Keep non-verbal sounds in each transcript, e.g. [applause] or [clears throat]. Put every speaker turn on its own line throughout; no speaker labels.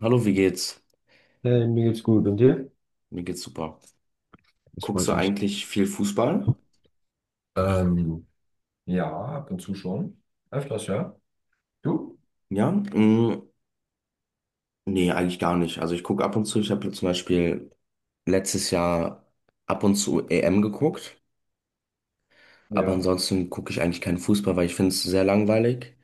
Hallo, wie geht's?
Hey, mir geht's gut. Und dir?
Mir geht's super.
Das
Guckst
freut
du
mich.
eigentlich viel Fußball?
Ähm, ja, ab und zu schon. Öfters, ja. Du?
Ja? Nee, eigentlich gar nicht. Also ich gucke ab und zu, ich habe zum Beispiel letztes Jahr ab und zu EM geguckt, aber
Ja,
ansonsten gucke ich eigentlich keinen Fußball, weil ich finde es sehr langweilig.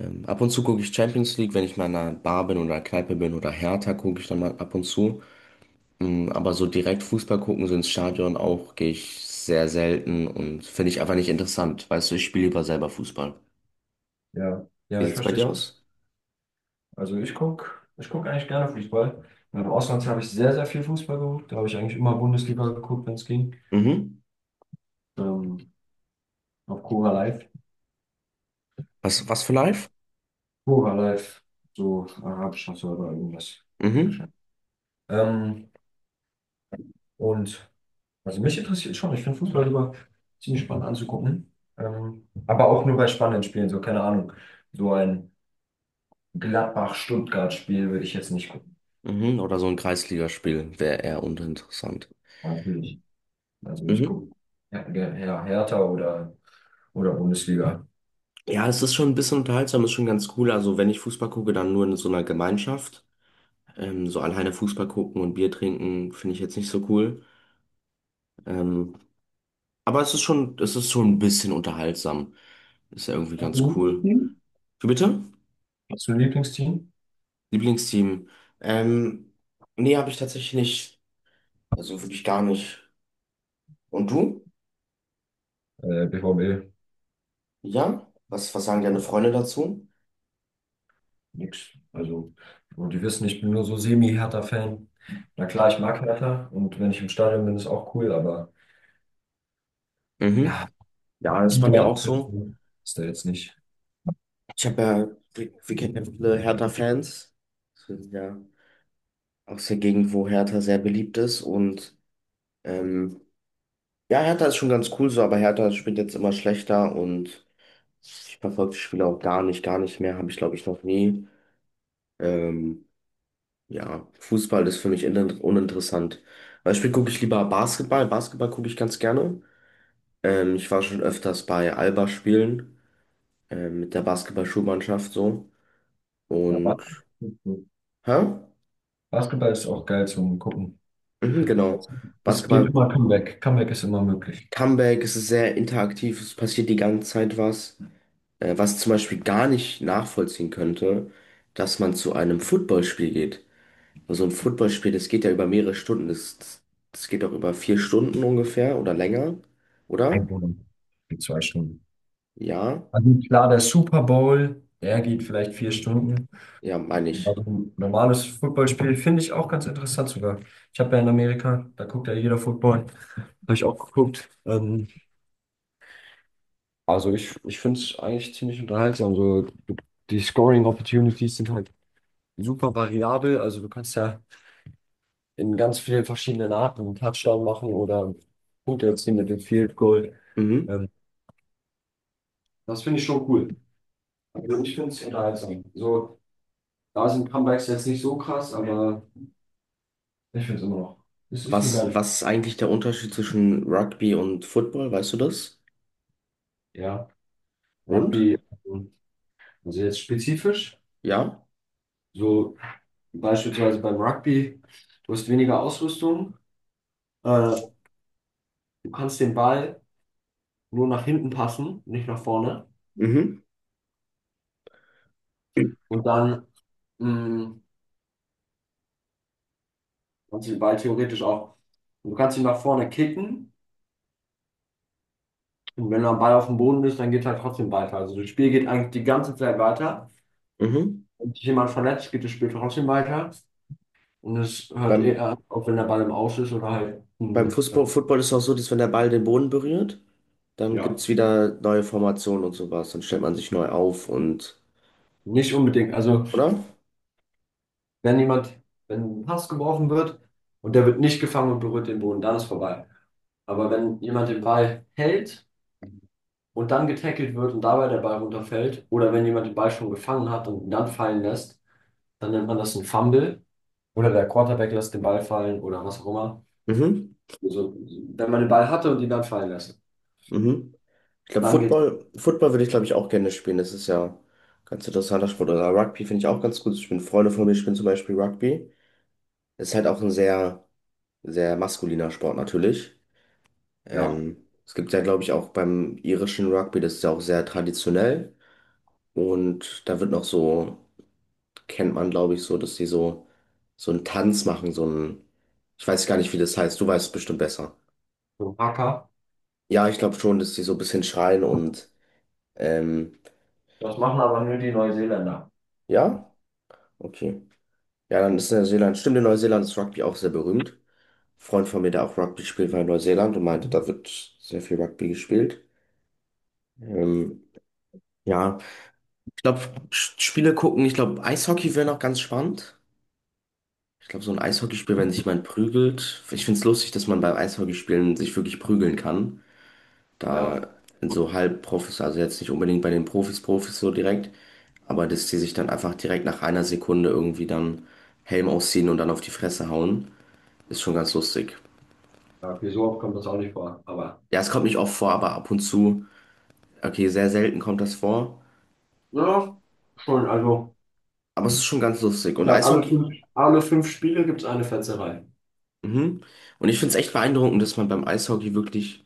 Ab und zu gucke ich Champions League, wenn ich mal in einer Bar bin oder Kneipe bin oder Hertha, gucke ich dann mal ab und zu. Aber so direkt Fußball gucken, so ins Stadion auch, gehe ich sehr selten und finde ich einfach nicht interessant. Weißt du, ich spiele lieber selber Fußball.
ja.
Wie
Ja, ich
sieht's bei
verstehe
dir
schon.
aus?
Also ich gucke ich guck eigentlich gerne Fußball. Im Ausland habe ich sehr, sehr viel Fußball geguckt. Da habe ich eigentlich immer Bundesliga geguckt, wenn es ging.
Mhm.
Ähm, auf Cora Live.
Was für live?
Cora Live. So arabischer Server, irgendwas.
Mhm.
Ähm, und also mich interessiert schon. Ich finde Fußball immer ziemlich spannend anzugucken. Aber auch nur bei spannenden Spielen, so keine Ahnung. So ein Gladbach-Stuttgart-Spiel würde ich jetzt nicht gucken.
Mhm. Oder so ein Kreisligaspiel wäre eher uninteressant.
Natürlich. Also ich
Mhm.
gucke ja, ja, ja, Hertha oder Bundesliga.
Ja, es ist schon ein bisschen unterhaltsam, ist schon ganz cool. Also wenn ich Fußball gucke, dann nur in so einer Gemeinschaft. So alleine Fußball gucken und Bier trinken finde ich jetzt nicht so cool. Ähm, aber es ist schon ein bisschen unterhaltsam. Ist ja irgendwie
Hast du
ganz
ein
cool.
Lieblingsteam?
Wie bitte?
Hast du ein Lieblingsteam?
Lieblingsteam. Ähm, nee, habe ich tatsächlich nicht. Also wirklich gar nicht. Und du?
BVB.
Ja? Was sagen deine
Ja,
Freunde dazu?
nix. Also, und die wissen, ich bin nur so Semi-Hertha-Fan. Na klar, ich mag Hertha und wenn ich im Stadion bin, ist auch cool, aber
Mhm.
ja,
Ja, das ist bei mir
Liga
auch so.
ist da jetzt nicht.
Ich habe ja, wir kennen ja viele Hertha-Fans. Das ist ja aus der Gegend, wo Hertha sehr beliebt ist. Und ähm, ja, Hertha ist schon ganz cool so, aber Hertha spielt jetzt immer schlechter und ich verfolge die Spiele auch gar nicht mehr. Habe ich, glaube ich, noch nie. Ähm, ja, Fußball ist für mich uninteressant. Beispiel gucke ich lieber Basketball. Basketball gucke ich ganz gerne. Ich war schon öfters bei Alba spielen, mit der Basketball-Schulmannschaft so.
Ja,
Und,
Bas-
hä?
Basketball ist auch geil zum Gucken.
Mhm, genau.
Es geht
Basketball,
immer Comeback. Comeback ist immer möglich.
Comeback, es ist sehr interaktiv, es passiert die ganze Zeit was. Was zum Beispiel gar nicht nachvollziehen könnte, dass man zu einem Footballspiel geht. So ein Footballspiel, das geht ja über mehrere Stunden, das das geht auch über vier Stunden ungefähr oder länger,
Ein
oder?
Bonus. Die zwei Stunden.
Ja,
Also klar, der Super Bowl, der geht vielleicht vier Stunden.
ja, meine ich.
Also ein normales Footballspiel finde ich auch ganz interessant sogar. Ich habe ja in Amerika, da guckt ja jeder Football. Habe ich auch geguckt. Also ich finde es eigentlich ziemlich unterhaltsam. So, du- die Scoring Opportunities sind halt super variabel. Also du kannst ja in ganz vielen verschiedenen Arten einen Touchdown machen oder Punkte erzielen mit dem Field Goal.
Mhm.
Ähm, das finde ich schon cool. Also ich finde es unterhaltsam. So, da sind Comebacks jetzt nicht so krass, aber. Ich finde es immer noch. Es ist
Was
eine geile
ist,
Sp-
was ist eigentlich der Unterschied zwischen Rugby und Football, weißt du das?
Ja,
Und?
Rugby, ähm, also jetzt spezifisch,
Ja?
so beispielsweise beim Rugby, du hast weniger Ausrüstung, äh, du kannst den Ball nur nach hinten passen, nicht nach vorne.
Mhm. [clears throat]
Und dann mh, kannst du den Ball theoretisch auch, du kannst ihn nach vorne kicken und wenn der Ball auf dem Boden ist, dann geht halt trotzdem weiter. Also das Spiel geht eigentlich die ganze Zeit weiter.
Mhm.
Wenn sich jemand verletzt, geht das Spiel trotzdem weiter. Und es hört
Beim
eher auf, wenn der Ball im Aus ist oder halt,
Beim Fußball, Football ist es auch so, dass wenn der Ball den Boden berührt, dann
ja.
gibt es wieder neue Formationen und sowas. Dann stellt man sich neu auf und,
Nicht unbedingt. Also,
oder?
wenn jemand, wenn ein Pass geworfen wird und der wird nicht gefangen und berührt den Boden, dann ist vorbei. Aber wenn jemand den Ball hält und dann getackelt wird und dabei der Ball runterfällt, oder wenn jemand den Ball schon gefangen hat und ihn dann fallen lässt, dann nennt man das ein Fumble. Oder der Quarterback lässt den Ball fallen oder was auch immer.
Mhm,
Also, wenn man den Ball hatte und ihn dann fallen lässt,
mhm. Ich glaube,
dann geht's.
Football würde ich, glaube ich, auch gerne spielen. Das ist ja ein ganz interessanter Sport. Oder Rugby finde ich auch ganz gut. Ich bin Freunde von mir, spielen zum Beispiel Rugby. Ist halt auch ein sehr maskuliner Sport natürlich.
Ja,
Es gibt ja, glaube ich, auch beim irischen Rugby, das ist ja auch sehr traditionell. Und da wird noch so, kennt man, glaube ich, so, dass die so, so einen Tanz machen, so einen, ich weiß gar nicht, wie das heißt, du weißt es bestimmt besser.
so ein Hacker.
Ja, ich glaube schon, dass die so ein bisschen schreien und, ähm,
Das machen aber nur die Neuseeländer.
ja, okay. Ja, dann ist Neuseeland, stimmt, in Neuseeland ist Rugby auch sehr berühmt. Ein Freund von mir, der auch Rugby spielt, war in Neuseeland und meinte, da wird sehr viel Rugby gespielt. Ähm, ja, ich glaube, Spiele gucken, ich glaube, Eishockey wäre noch ganz spannend. Ich glaube, so ein Eishockeyspiel, wenn sich jemand prügelt. Ich finde es lustig, dass man beim Eishockeyspielen sich wirklich prügeln kann.
Ja,
Da in so Halbprofis, also jetzt nicht unbedingt bei den Profis so direkt, aber dass die sich dann einfach direkt nach einer Sekunde irgendwie dann Helm ausziehen und dann auf die Fresse hauen, ist schon ganz lustig.
ja, okay, so oft kommt das auch nicht vor. Aber
Ja, es kommt nicht oft vor, aber ab und zu, okay, sehr selten kommt das vor,
ja, schon, also.
aber es ist schon ganz lustig.
Ich
Und
glaube,
Eishockey?
alle fünf Spiele gibt es eine Fetzerei.
Mhm. Und ich finde es echt beeindruckend, dass man beim Eishockey wirklich,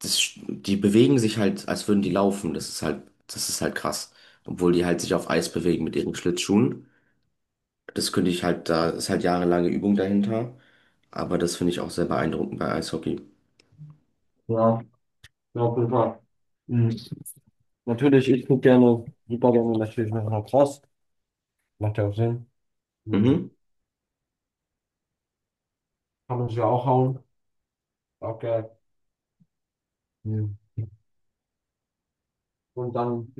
das, die bewegen sich halt, als würden die laufen. Das ist halt krass. Obwohl die halt sich auf Eis bewegen mit ihren Schlittschuhen. Das könnte ich halt, da ist halt jahrelange Übung dahinter. Aber das finde ich auch sehr beeindruckend bei Eishockey.
Ja, ja, auf jeden Fall. Mhm. Natürlich, ich gucke gerne, super gerne natürlich noch Lacrosse. Macht ja auch Sinn. Mhm.
Mhm.
Kann man sich ja auch hauen. Auch geil. Mhm. Und dann,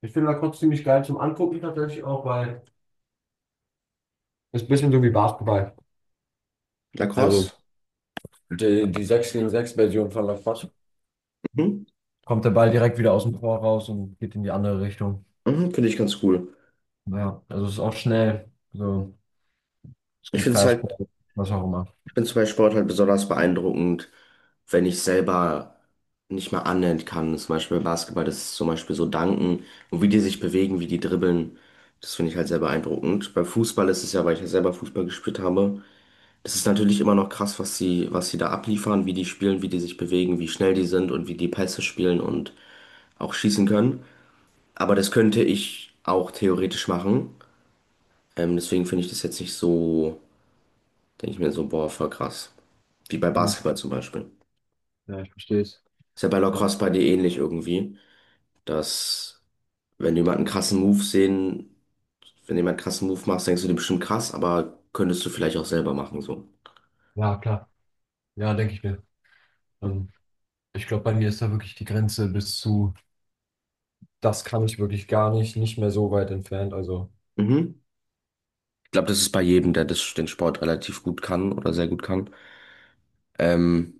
ich finde Lacrosse ziemlich geil zum Angucken tatsächlich auch, weil es ist ein bisschen so wie Basketball. Also
Lacrosse?
die 6 gegen 6 Version von Lacrosse.
Mhm.
Kommt der Ball direkt wieder aus dem Tor raus und geht in die andere Richtung.
Mhm. Finde ich ganz cool.
Ja, also es ist auch schnell. So, es
Ich
gibt
finde es halt,
Fastball, was auch immer.
ich finde es bei Sport halt besonders beeindruckend, wenn ich selber nicht mal annähernd kann. Zum Beispiel beim Basketball, das ist zum Beispiel so Danken und wie die sich bewegen, wie die dribbeln. Das finde ich halt sehr beeindruckend. Beim Fußball ist es ja, weil ich ja selber Fußball gespielt habe. Das ist natürlich immer noch krass, was sie da abliefern, wie die spielen, wie die sich bewegen, wie schnell die sind und wie die Pässe spielen und auch schießen kann. Aber das könnte ich auch theoretisch machen. Deswegen finde ich das jetzt nicht so, denke ich mir so, boah, voll krass. Wie bei
Mhm.
Basketball zum Beispiel.
Ja, ich verstehe es.
Ist ja bei
Ja.
Lacrosse bei dir ähnlich irgendwie, dass wenn jemand einen krassen Move sehen, wenn jemand einen krassen Move macht, denkst du dir bestimmt krass, aber könntest du vielleicht auch selber machen so.
Ja, klar. Ja, denke ich mir. Ähm, ich glaube, bei mir ist da wirklich die Grenze bis zu, das kann ich wirklich gar nicht, nicht mehr so weit entfernt. Also,
Mhm. Ich glaube, das ist bei jedem, der das, den Sport relativ gut kann oder sehr gut kann. Ähm,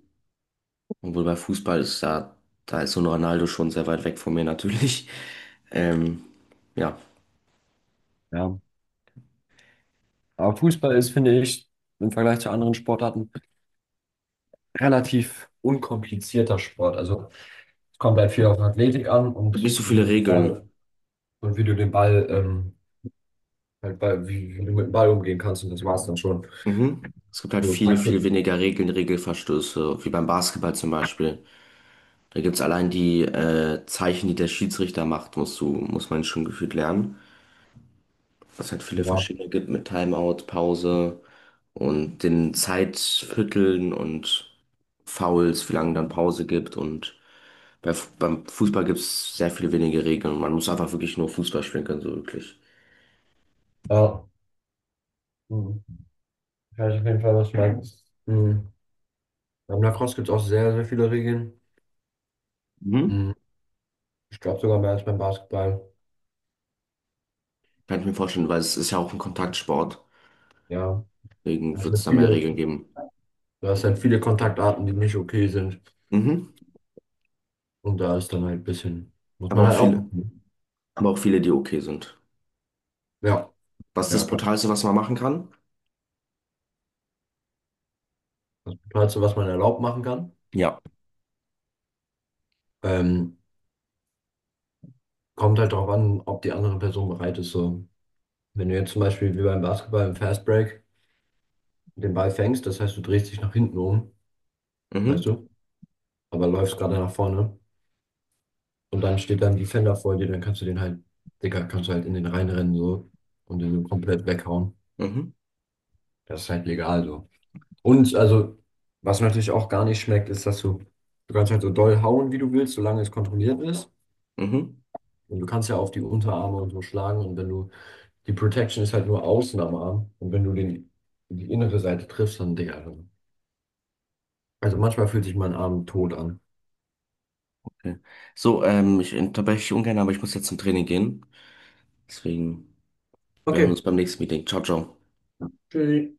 obwohl bei Fußball ist da, da ist so ein Ronaldo schon sehr weit weg von mir natürlich. Ähm, ja, es
ja. Aber Fußball ist, finde ich, im Vergleich zu anderen Sportarten relativ unkomplizierter Sport. Also, es kommt halt viel auf Athletik an
gibt nicht
und
so
wie
viele
du den
Regeln.
Ball, und wie du den Ball, halt bei, wie, wie du mit dem Ball umgehen kannst. Und das war's dann schon.
Mhm. Es gibt halt
So,
viel
Taktik.
weniger Regeln, Regelverstöße, wie beim Basketball zum Beispiel. Da gibt es allein die Zeichen, die der Schiedsrichter macht, muss man schon gefühlt lernen. Was halt viele
Ja.
verschiedene gibt mit Timeout, Pause und den Zeitvierteln und Fouls, wie lange dann Pause gibt. Und beim Fußball gibt es sehr viel weniger Regeln. Man muss einfach wirklich nur Fußball spielen können, so wirklich.
Ja. Mhm. Weiß auf jeden Fall, was du Mhm. Beim Lacrosse gibt es auch sehr, sehr viele Regeln.
Mhm.
Mhm. Ich glaube sogar mehr als beim Basketball.
Kann ich mir vorstellen, weil es ist ja auch ein Kontaktsport.
Ja,
Deswegen
das
wird es
sind
da mehr
viele,
Regeln geben.
das sind viele Kontaktarten, die nicht okay sind.
Mhm.
Und da ist dann halt ein bisschen, muss
Aber
man
auch
halt
viele,
aufpassen.
aber auch viele, die okay sind.
Ja,
Was ist das
ja, klar.
Brutalste, was man machen kann?
Das Tollste, was man erlaubt machen kann.
Ja.
Ähm, Kommt halt darauf an, ob die andere Person bereit ist. So, wenn du jetzt zum Beispiel wie beim Basketball im Fast Break den Ball fängst, das heißt, du drehst dich nach hinten um,
Mhm,
weißt du, aber läufst gerade nach vorne. Und dann steht dann Defender vor dir, dann kannst du den halt, Digga, kannst du halt in den reinrennen so und den so komplett weghauen.
mhm,
Das ist halt legal so. Und also, was natürlich auch gar nicht schmeckt, ist, dass du kannst halt so doll hauen, wie du willst, solange es kontrolliert ist.
mhm.
Und du kannst ja auf die Unterarme und so schlagen. Und wenn du, die Protection ist halt nur außen am Arm. Und wenn du den, die innere Seite triffst, dann, Digga. Also manchmal fühlt sich mein Arm tot an.
Okay. So, ich unterbreche dich ungern, aber ich muss jetzt zum Training gehen. Deswegen, wir hören uns
Okay,
beim nächsten Meeting. Ciao, ciao.
tschüssi.